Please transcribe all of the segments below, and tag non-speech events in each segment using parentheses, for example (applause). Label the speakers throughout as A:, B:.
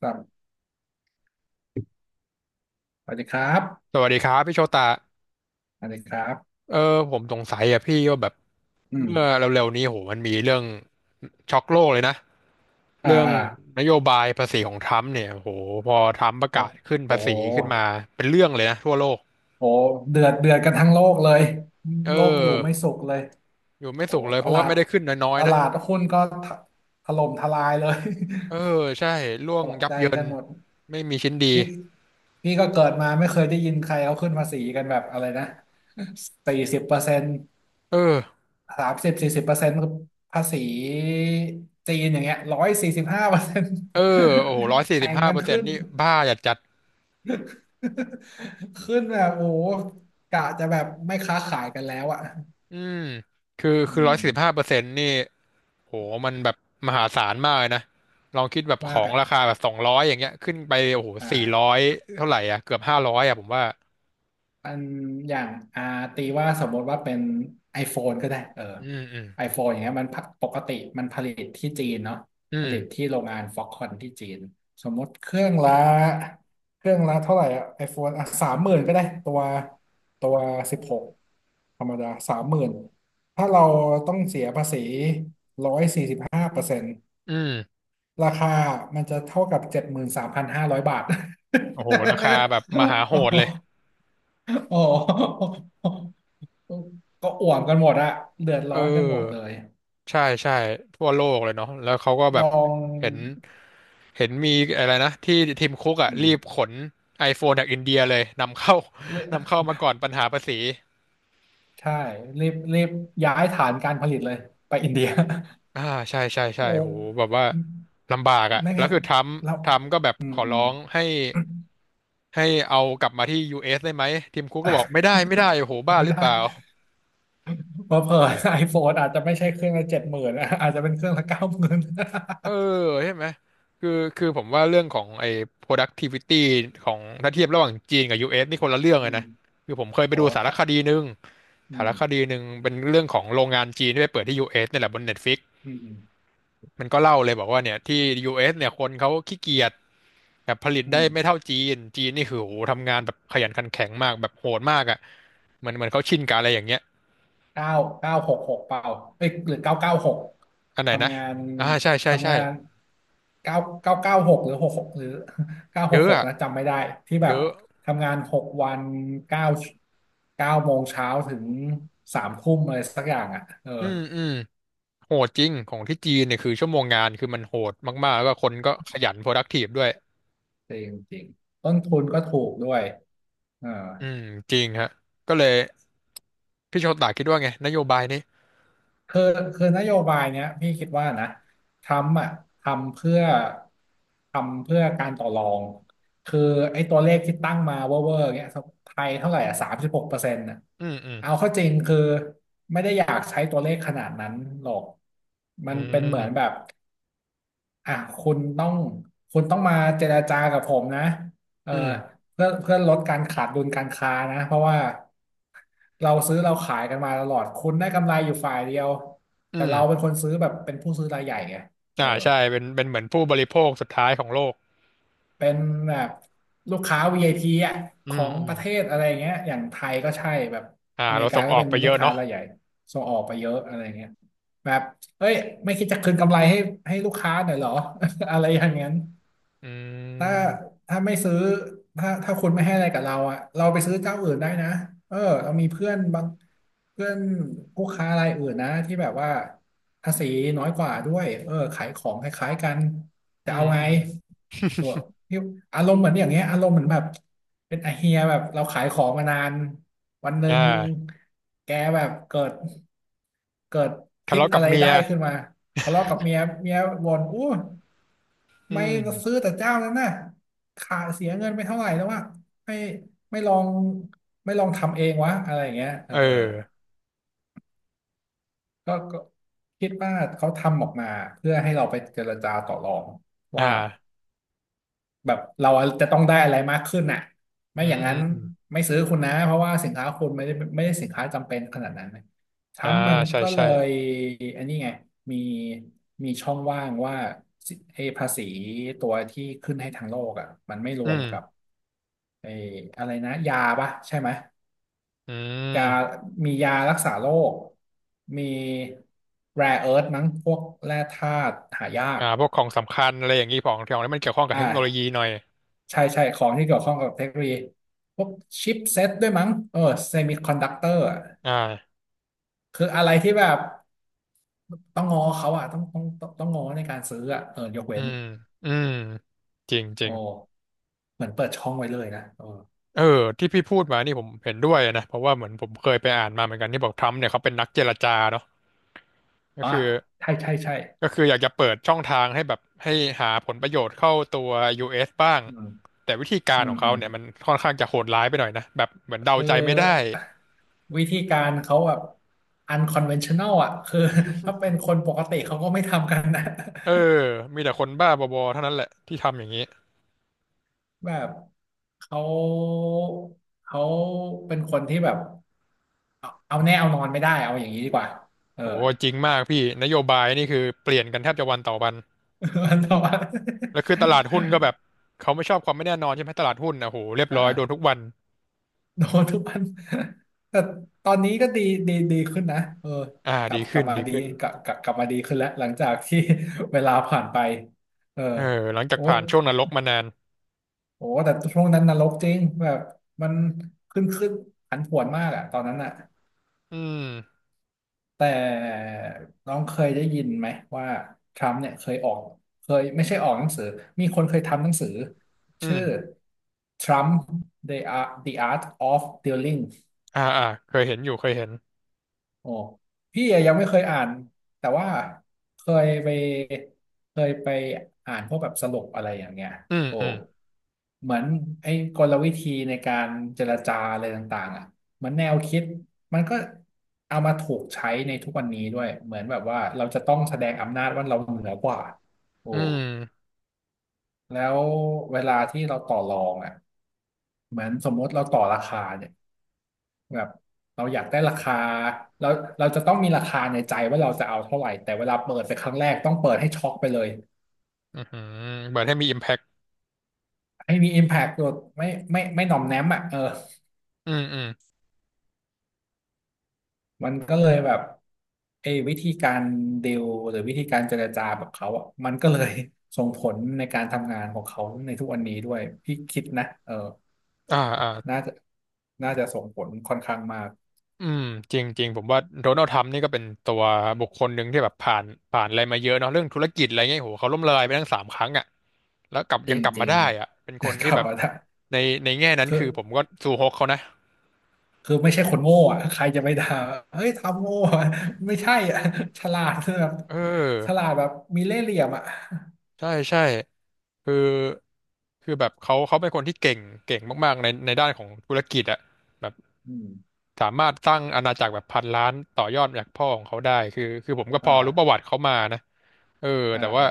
A: ครับสวัสดีครับ
B: สวัสดีครับพี่โชตา
A: สวัสดีครับ
B: เออผมสงสัยอะพี่ว่าแบบ
A: อืม
B: เมื่อเร็วๆนี้โหมันมีเรื่องช็อกโลกเลยนะ
A: อ่า
B: เรื่อง
A: อ่า
B: นโยบายภาษีของทรัมป์เนี่ยโหพอทรัมป์ประ
A: โอ้
B: กาศขึ้น
A: โอ้
B: ภา
A: โห
B: ษีขึ้นมาเป็นเรื่องเลยนะทั่วโลก
A: โอ้เดือดเดือดกันทั้งโลกเลย
B: เอ
A: โลกอยู่ไม่
B: อ
A: สุขเลย
B: อยู่ไม่
A: โอ้
B: สุขเลย
A: ต
B: เพราะ
A: ลา
B: ว่า
A: ด
B: ไม่ได้ขึ้นน้อย
A: ต
B: ๆนะ
A: ลาดหุ้นก็ถถล่มทลายเลย
B: เออใช่ร่ว
A: (laughs) ต
B: ง
A: ก
B: ยับ
A: ใจ
B: เยิน
A: กันหมด
B: ไม่มีชิ้นดี
A: พี่พี่ก็เกิดมาไม่เคยได้ยินใครเขาขึ้นภาษีกันแบบอะไรนะสี่สิบเปอร์เซ็นต์
B: เออ
A: 30 40%ภาษีจีนอย่างเงี้ยร้อยสี่สิบห้าเปอร์เซ็นต์
B: เออโอ้โหร้อย
A: (laughs)
B: สี่
A: แข่
B: สิบ
A: ง
B: ห้า
A: กั
B: เป
A: น
B: อร์เซ็น
A: ขึ้
B: ต์
A: น
B: นี่บ้าจัดจัด
A: (laughs) ขึ้นแบบโอ้โหกะจะแบบไม่ค้าขายกันแล้วอ่ะ
B: อืมคือ
A: อื
B: คือร้อยสี่สิบห้า
A: ม
B: เปอร์เซ็นต์นี่ โหมันแบบมหาศาลมากเลยนะ ลองคิดแบบข
A: มา
B: อ
A: ก
B: งรา
A: อ่ะ
B: คาแบบ200อย่างเงี้ยขึ้นไปโอ้โห
A: อ่
B: สี่ร้อ
A: า
B: ยเท่าไหร่อ่ะเกือบ500อ่ะผมว่า
A: อันอย่างอ่าตีว่าสมมติว่าเป็น iPhone ก็ได้เออ
B: อืม อืม
A: iPhone อย่างเงี้ยมันพักปกติมันผลิตที่จีนเนาะ
B: อื
A: ผ
B: ม
A: ลิตที่โรงงานฟ็อกคอนที่จีนสมมติเครื่องละเท่าไหร่อะ iPhone อ่ะ30,000ก็ได้ตัวสิบหกธรรมดาสามหมื่นถ้าเราต้องเสียภาษีร้อยสี่สิบห้าเปอร์เซ็นต์
B: อืม
A: ราคามันจะเท่ากับ73,500 บาท
B: โอ้โหราคาแบบมหาโหดเลย
A: (laughs) โอ้โหก็อ่วมกันหมดอะเดือด
B: เ
A: ร้อนกันหมดเล
B: ออ
A: ย
B: ใช่ใช่ทั่วโลกเลยเนาะแล้วเขาก็แบ
A: ลอ
B: บ
A: ง
B: เห็นเห็นมีอะไรนะที่ทีมคุกอ่ะ
A: อื
B: รีบ
A: ม
B: ขน iPhone จากอินเดียเลยนำเข้า
A: เล
B: (laughs) นำเข้ามาก่อนปัญหาภาษี
A: ใช่ รีบรีบย้ายฐานการผลิตเลย ไปอินเดีย
B: อ่าใช่ใช่
A: (laughs)
B: ใช่
A: โอ้
B: โหแบบว่าลำบากอ่ะ
A: ไม่
B: แล้ว
A: งั้น
B: คือทรัมป์
A: เรา
B: ทรัมป์ก็แบบ
A: อื
B: ข
A: ม
B: อ
A: อื
B: ร้อ
A: ม
B: งให้
A: (laughs)
B: ให้เอากลับมาที่ US ได้ไหมทีมคุกก็บอกไม่
A: อ่ะ
B: ได้ไม่ได้โอ้โหบ้า
A: ไม่
B: หรือเป
A: ได้
B: ล่า
A: เพราะเผื่อไอโฟนอาจจะไม่ใช่เครื่องละเจ็ดหมื่นอาจจะเป็นเครื่องละ90,000
B: เออใช่ไหมคือคือผมว่าเรื่องของไอ้ productivity ของถ้าเทียบระหว่างจีนกับ US นี่คนละเรื่อง
A: (laughs)
B: เล
A: อื
B: ย
A: ม
B: นะคือผมเคยไป
A: โห
B: ดูสารคดีหนึ่ง
A: อื
B: สา
A: ม
B: รคดีหนึ่งเป็นเรื่องของโรงงานจีนที่ไปเปิดที่ US นี่แหละบน Netflix
A: อืมอ
B: มันก็เล่าเลยบอกว่าเนี่ยที่ US เอสเนี่ยคนเขาขี้เกียจแบบผลิต
A: ื
B: ได้ไม่
A: ม
B: เท่าจีนจีนนี่คือโหทำงานแบบขยันขันแข็งมากแบบโหดมากอ่ะเหมือนเขาชินกับอะไรอย่างเงี้ย
A: เก้าเก้าหกหกเปล่าเอ้ยหรือเก้าเก้าหก
B: อันไหนนะ
A: ทำงาน
B: อ่าใช่ใช่
A: ทำ
B: ใช่
A: งานเก้าเก้าเก้าหกหรือหกหกหรือ (laughs) เก้าห
B: เย
A: ก
B: อะ
A: หก
B: อ่ะ
A: นะจำไม่ได้ที่แบ
B: เย
A: บ
B: อะ
A: ทำงาน6 วันเก้าเก้าโมงเช้าถึงสามทุ่มอะไรสักอย่างอ่ะเออ
B: อืมอืมโหดจริงของที่จีนเนี่ยคือชั่วโมงงานคือมันโหดมากๆแล้วก็คนก็ขยัน productive ด้วย
A: จริงจริงต้นทุนก็ถูกด้วยเออ
B: อืมจริงฮะก็เลยพี่โชตาคิดว่าไงนโยบายนี้
A: คือคือนโยบายเนี้ยพี่คิดว่านะทรัมป์อ่ะทำเพื่อทำเพื่อการต่อรองคือไอ้ตัวเลขที่ตั้งมาเวอร์เวอร์เงี้ยไทยเท่าไหร่อ่ะสามสิบหกเปอร์เซ็นต์่ะ
B: อืมอืม
A: เอาเข้าจริงคือไม่ได้อยากใช้ตัวเลขขนาดนั้นหรอก
B: อื
A: มันเป็นเหมือนแบ
B: ม
A: บ อ่ะคุณต้องคุณต้องมาเจรจากับผมนะเออ
B: อืม
A: เพื่อลดการขาดดุลการค้านะเพราะว่าเราซื้อเราขายกันมาตลอดคุณได้กำไรอยู่ฝ่ายเดียว
B: อื
A: แต่เราเป็น
B: ม
A: คนซื้อแบบเป็นผู้ซื้อรายใหญ่ไงเอ
B: อ่า
A: อ
B: ใช่เป็นเหมือนผู้บริโภคสุดท้ายของโลก
A: เป็นแบบลูกค้า VIP อพีอ่ะ
B: อื
A: ขอ
B: ม
A: ง
B: อื
A: ป
B: ม
A: ระเทศอะไรอย่างเงี้ยอย่างไทยก็ใช่แบบ
B: อ่า
A: อเม
B: เรา
A: ริกา
B: ส่ง
A: ก็
B: ออก
A: เป็น
B: ไปเย
A: ลูก
B: อะ
A: ค้า
B: เนาะ
A: รายใหญ่ส่งออกไปเยอะอะไรเงี้ยแบบเอ้ยไม่คิดจะคืนกำไรให้ให้ลูกค้าหน่อยเหรอ (laughs) อะไรอย่างนั้น
B: อื
A: ถ้า
B: ม
A: ถ้าไม่ซื้อถ้าถ้าคุณไม่ให้อะไรกับเราอ่ะเราไปซื้อเจ้าอื่นได้นะเออเรามีเพื่อนบางเพื่อนผู้ค้ารายอื่นนะที่แบบว่าภาษีน้อยกว่าด้วยเออขายของคล้ายๆกันจะ
B: อื
A: เอา
B: ม
A: ไง
B: อืม
A: เออพี่อารมณ์เหมือนอย่างเงี้ยอารมณ์เหมือนแบบเป็นไอาเฮียแบบเราขายของมานานวันหนึ่
B: อ่
A: ง
B: า
A: แกแบบเกิด
B: ทะ
A: คิด
B: เลาะกั
A: อะ
B: บ
A: ไร
B: เมีย
A: ได้ขึ้นมาทะเลาะกับเมียบ่นอู้
B: อื
A: ไม่
B: ม
A: ซื้อแต่เจ้านั้นน่ะขาเสียเงินไปเท่าไหร่แล้ววะไม่ไม่ลองไม่ลองทำเองวะอะไรอย่างเงี้ยเอ
B: เอ
A: อ
B: อ
A: ก็ก็คิดว่าเขาทำออกมาเพื่อให้เราไปเจรจาต่อรอง
B: อ
A: ว่า
B: ่า
A: แบบเราจะต้องได้อะไรมากขึ้นน่ะไม่
B: อื
A: อ
B: ม
A: ย่างนั้
B: อื
A: น
B: มอืม
A: ไม่ซื้อคุณนะเพราะว่าสินค้าคุณไม่ได้ไม่ได้สินค้าจำเป็นขนาดนั้นนะทรั
B: อ่า
A: มป์มัน
B: ใช่
A: ก็เล
B: ใช่
A: ยอันนี้ไงมีมีช่องว่างว่าสิไอ้ภาษีตัวที่ขึ้นให้ทางโลกอ่ะมันไม่ร
B: อื
A: วมกับ
B: ม
A: ไอ้อะไรนะยาปะใช่ไหม
B: อื
A: ยา
B: ม
A: มียารักษาโรคมี rare earth มั้งพวกแร่ธาตุหายาก
B: อ่าพวกของสำคัญอะไรอย่างนี้ของของที่มันเกี่ยวข้องกับ
A: อ่
B: เทคโนโลยี
A: า
B: หน่อย
A: ใช่ใช่ของที่เกี่ยวข้องกับเทคโนโลยีพวกชิปเซตด้วยมั้งเออเซมิคอนดักเตอร์
B: อ่า
A: คืออะไรที่แบบต้องงอเขาอะต้องงอในการซื้ออะเออยก
B: อื
A: เว้น
B: มอืมจริงจ
A: โอ
B: ริง
A: ้เหมือนเปิดช่องไว้เลยนะเออ
B: เออที่พี่พูดมานี่ผมเห็นด้วยนะเพราะว่าเหมือนผมเคยไปอ่านมาเหมือนกันที่บอกทรัมป์เนี่ยเขาเป็นนักเจรจาเนาะก็
A: อ๋อ
B: คือ
A: ใช่ใช่ใช่
B: ก็คืออยากจะเปิดช่องทางให้แบบให้หาผลประโยชน์เข้าตัว US บ้าง
A: อืม
B: แต่วิธีการ
A: อื
B: ข
A: ม
B: อง
A: อื
B: เขา
A: ม
B: เนี่ยมันค่อนข้างจะโหดร้ายไปหน่อยนะแบบเหมือนเดา
A: คือ
B: ใจไม่ได้
A: วิธีการเขาแบบ unconventional อะคือ (laughs) ถ้าเป็นคนปกติเขาก็ไม่ทำกันนะ
B: เออมีแต่คนบ้าบอๆเท่านั้นแหละที่ทำอย่างนี้
A: (laughs) แบบเขาเขาเป็นคนที่แบบ เอาแน่เอานอนไม่ได้เอาอย่างนี้ดีกว่าเออ
B: โอ้โหจริงมากพี่นโยบายนี่คือเปลี่ยนกันแทบจะวันต่อวัน
A: (laughs) วันต่อวัน
B: แล้วคือตลาดหุ้นก็แบบเขาไม่ชอบความไม่แน่นอนใช่ไหมตลาดหุ้นนะโหเรียบ
A: (laughs) อ่า
B: ร้อย
A: อ่า
B: โดนทุกวัน
A: (laughs) โดนทุกวันแต่ตอนนี้ก็ดีดีขึ้นนะเออ
B: อ่า
A: กลั
B: ดี
A: บกลั
B: ขึ้
A: บ
B: น
A: มา
B: ดี
A: ดี
B: ขึ้น
A: กลับมาดีขึ้นแล้วหลังจากที่ (laughs) เวลาผ่านไปเออ
B: เออหลังจาก
A: โอ้
B: ผ่านช่วงนรกมานาน
A: โอ้แต่ช่วงนั้นนรกจริงแบบมันขึ้นผันผวนมากอะตอนนั้นอะ
B: อืม
A: แต่น้องเคยได้ยินไหมว่าทรัมป์เนี่ยเคยออกเคยไม่ใช่ออกหนังสือมีคนเคยทำหนังสือ
B: อื
A: ชื่อ
B: ม
A: Trump the Art of Dealing
B: อ่าอ่าเคยเห็นอยู่เคยเห็น
A: โอ้พี่อะยังไม่เคยอ่านแต่ว่าเคยไปเคยไปอ่านพวกแบบสรุปอะไรอย่างเงี้ย
B: อืม
A: โอ้
B: อืม
A: เหมือนไอ้กลวิธีในการเจรจาอะไรต่างๆอ่ะเหมือนแนวคิดมันก็เอามาถูกใช้ในทุกวันนี้ด้วยเหมือนแบบว่าเราจะต้องแสดงอำนาจว่าเราเหนือกว่าโอ้
B: อืม
A: แล้วเวลาที่เราต่อรองอ่ะเหมือนสมมติเราต่อราคาเนี่ย แบบเราอยากได้ราคาเราเราจะต้องมีราคาในใจว่าเราจะเอาเท่าไหร่แต่เวลาเปิดไปครั้งแรกต้องเปิดให้ช็อกไปเลย
B: อือหือเหมือนให้มี impact
A: ให้มี impact ตัวไม่หน่อมแนมอ่ะเออ
B: อืมอืม
A: มันก็เลยแบบเออวิธีการดีลหรือวิธีการเจรจาแบบเขาอ่ะมันก็เลยส่งผลในการทำงานของเขาในทุกวันนี้ด้วยพี่คิดนะเออ
B: อ่าอ่า
A: น่าจะน่าจะส่งผลค่อนข้างมาก
B: อืมจริงจริงผมว่าโดนัลด์ทรัมป์นี่ก็เป็นตัวบุคคลหนึ่งที่แบบผ่านอะไรมาเยอะเนาะเรื่องธุรกิจอะไรเงี้ยโหเขาล้มละลายไปทั้ง3 ครั้งอ่ะแล้วกลับ
A: จ
B: ยังกลับมา
A: ริง
B: ได้อ่ะเป็น
A: ๆ
B: คน
A: (laughs) ก
B: ที่
A: ลับ
B: แบ
A: (laughs)
B: บ
A: มาได้
B: ในในแง่นั้น
A: คือ
B: คือผมก็ซูฮกเขานะ
A: คือไม่ใช่คนโง่อะใครจะไปด่าเฮ้ยทำโง่อะไม่ใช่อะฉลาดคือแบบ
B: เอ
A: ฉ
B: อ
A: ลาดแบบมีเล่ห์เหลี่ยมอ่ะ
B: ใช่ใช่คือคือแบบเขาเป็นคนที่เก่งเก่งมากๆในด้านของธุรกิจอ่ะแบบ
A: อืม
B: สามารถสร้างอาณาจักรแบบพันล้านต่อยอดจากพ่อของเขาได้คือผมก็พอรู้ประ
A: อ่า
B: วัติเขามานะ เออ
A: อ่า
B: แต่ว่า
A: อ่า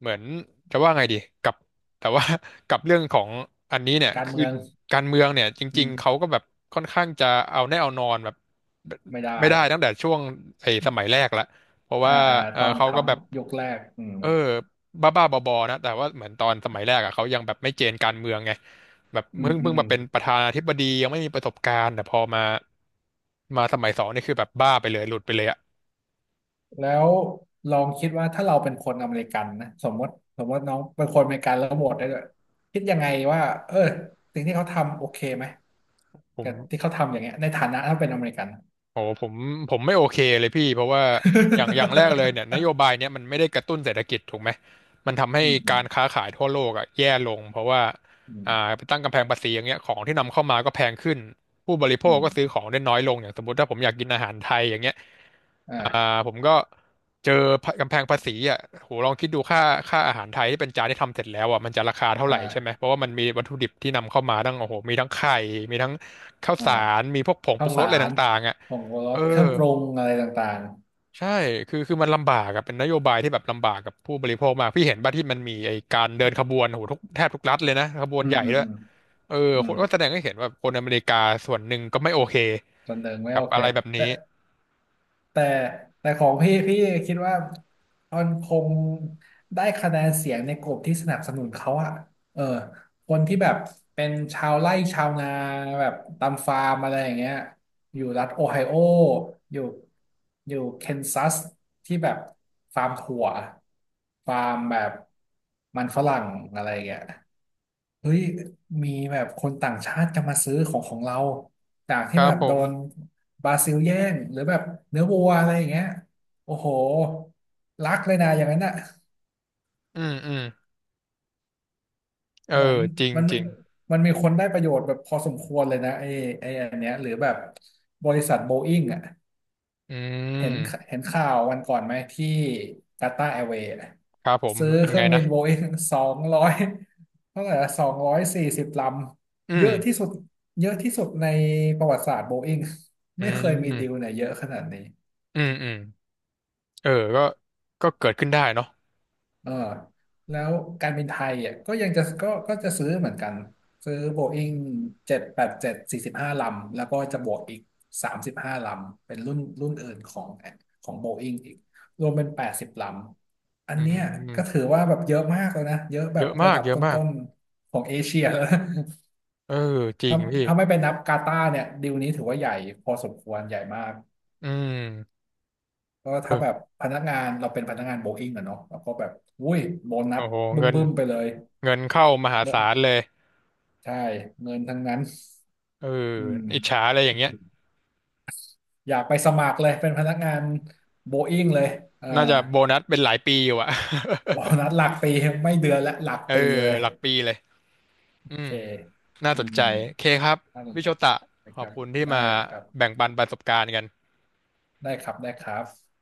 B: เหมือนจะว่าไงดีกับแต่ว่า (laughs) กับเรื่องของอันนี้เนี่ย
A: การ
B: คือ
A: เมือง
B: การเมืองเนี่ยจ
A: อื
B: ริง
A: ม
B: ๆเขาก็แบบค่อนข้างจะเอาแน่เอานอนแบบ
A: ไม่ได้
B: ไม่ได้ตั้งแต่ช่วงไอ้สมัยแรกละเพราะ
A: อ่า
B: ว่า
A: อ่าตอน
B: เขา
A: ท
B: ก็แบบ
A: ำยกแรกอืม
B: เออบ้าๆบอๆนะแต่ว่าเหมือนตอนสมัยแรกอะเขายังแบบไม่เจนการเมืองไงแบบ
A: อืม
B: เพิ่ง
A: อืม
B: เพิ่ง
A: อื
B: มา
A: ม
B: เป็นประธานาธิบดียังไม่มีประสบการณ์แต่พอมาสมัยสองนี่คือแบบบ้าไปเลยหลุดไปเลยอะ
A: แล้วลองคิดว่าถ้าเราเป็นคนอเมริกันนะสมมติน้องเป็นคนอเมริกันแล้วโหวตได้ด้วยคิดยังไงว่าเออสิ่งที่เขาทำโอเคไหม
B: ผม
A: กับที่เขาทำอย่างเงี้ยในฐานะถ้าเป็นอเมริกัน
B: โอ้ผมไม่โอเคเลยพี่เพราะว่าอย่างแรกเลยเนี่ยนโยบายเนี้ยมันไม่ได้กระตุ้นเศรษฐกิจถูกไหมมันทำ
A: (laughs)
B: ให้
A: อืม
B: การ
A: (laughs)
B: ค้าขายทั่วโลกอ่ะแย่ลงเพราะว่า
A: อืม
B: ไปตั้งกำแพงภาษีอย่างเงี้ยของที่นำเข้ามาก็แพงขึ้นผู้บริโภ
A: อื
B: ค
A: ม
B: ก็ซื้อของได้น้อยลงอย่างสมมติถ้าผมอยากกินอาหารไทยอย่างเงี้ยอ่า
A: อ่า
B: ผมก็เจอกำแพงภาษีอ่ะโหลองคิดดูค่าอาหารไทยที่เป็นจานที่ทำเสร็จแล้วอ่ะมันจะราคาเท่าไหร่ใช่ไหม
A: อ่า
B: เพราะว่ามันมีวัตถุดิบที่นำเข้ามาตั้งโอ้โหมีทั้งไข่มีทั้งข้าว
A: อ่า
B: สารมีพวกผงป
A: ข้า
B: รุ
A: ว
B: งร
A: สา
B: สอะไร
A: ร
B: ต่างๆอ่ะ
A: ผงชูร
B: เออ
A: สเครื่องปรุงอะไรต่าง
B: ใช่คือมันลำบากอะเป็นนโยบายที่แบบลำบากกับผู้บริโภคมากพี่เห็นป่ะที่มันมีไอ้การเดินขบวนโหแทบทุกรัฐเลยนะขบ
A: ๆ
B: วน
A: อื
B: ให
A: ม
B: ญ่
A: อืม
B: ด้วย
A: อืม
B: เออ
A: อื
B: ค
A: ม
B: นก็แสดงให้เห็นว่าคนอเมริกาส่วนหนึ่งก็ไม่โอเค
A: จนหนึ่งไม่
B: กั
A: โอ
B: บ
A: เค
B: อะไรแบบนี้
A: แต่แต่ของพี่คิดว่ามันคงได้คะแนนเสียงในกลุ่มที่สนับสนุนเขาอะเออคนที่แบบเป็นชาวไร่ชาวนาแบบตามฟาร์มอะไรอย่างเงี้ยอยู่รัฐโอไฮโออยู่อยู่เคนซัสที่แบบฟาร์มถั่วฟาร์มแบบมันฝรั่งอะไรอย่างเงี้ย เฮ้ยมีแบบคนต่างชาติจะมาซื้อของของเราจาก
B: ค
A: ที่
B: รั
A: แบ
B: บ
A: บ
B: ผ
A: โด
B: ม
A: นบราซิลแย่งหรือแบบเนื้อวัวอะไรอย่างเงี้ยโอ้โหรักเลยนะอย่างนั้นอ่ะ
B: อืมอืมเอ
A: เหมือ
B: อ
A: น
B: จริง
A: มัน
B: จ
A: มี
B: ริง
A: มันมีคนได้ประโยชน์แบบพอสมควรเลยนะไอ้อันเนี้ยหรือแบบบริษัทโบอิ n งอ่ะ
B: อื
A: เห็น
B: ม
A: เห็นข่าววันก่อนไหมที่กาตาร์แอร์เวย์นะ
B: ครับผม
A: ซื้อ
B: มันเป็น
A: เครื่
B: ไง
A: องบิ
B: นะ
A: นโบอิ้งสองร้อยเท่าไหร่240ล
B: อื
A: ำเยอะที่
B: ม
A: สุดเยอะที่สุดในประวัติศาสตร์โบอิ้ง
B: อื
A: ไม่เคยมีดีล
B: ม
A: ไหนเยอะขนาดนี้
B: อืมอืมเออก็ก็เกิดขึ้นได้เนาะ
A: เออแล้วการบินไทยอ่ะก็ยังจะก็จะซื้อเหมือนกันซื้อโบอิ้ง78745ลำแล้วก็จะบวกอีก35ลำเป็นรุ่นอื่นของของโบอิ้งอีกรวมเป็น80ลำอัน
B: อื
A: เนี้ยก็
B: ม
A: ถือว่าแบบเยอะมากเลยนะเยอะแบ
B: เย
A: บ
B: อะ
A: ระ
B: มาก
A: ดับ
B: เย
A: ต
B: อะมาก
A: ้นๆของเอเชีย (laughs) แล้วนะ
B: เออจริง
A: ถ้า
B: พี่
A: ถ้าไม่ไปนับกาตาร์เนี่ยดีลนี้ถือว่าใหญ่พอสมควรใหญ่มาก
B: อืม
A: ก็ถ้าแบบ
B: เออ
A: พนักงานเราเป็นพนักงานโบอิ้งอะเนาะเราก็แบบอุ้ยโบนั
B: โอ้
A: ส
B: โห
A: บ
B: เงิน
A: ึ้มๆไปเลย
B: เงินเข้ามหาศาลเลย
A: ใช่เงินทั้งนั้น
B: เออ
A: อื
B: อิจฉา
A: ม
B: อะไรอย่างเงี้ย
A: อยากไปสมัครเลยเป็นพนักงานโบอิ้งเลยเออ
B: น่าจะโบนัสเป็นหลายปีอยู่อะ (laughs)
A: โอ้นัดหลักปีไม่เดือนละหลัก
B: เออ
A: ปีเลย
B: หลักปีเลย
A: โอ
B: อื
A: เค
B: มน่า
A: อื
B: สน
A: ม
B: ใจโอเคครับ
A: น่าสน
B: พี่
A: ใจ
B: โชตะ
A: นะ
B: ข
A: ค
B: อ
A: รั
B: บ
A: บ
B: คุณที่
A: ได้
B: มา
A: ครับ
B: แบ่งปันประสบการณ์กัน
A: ได้ครับได้ครับ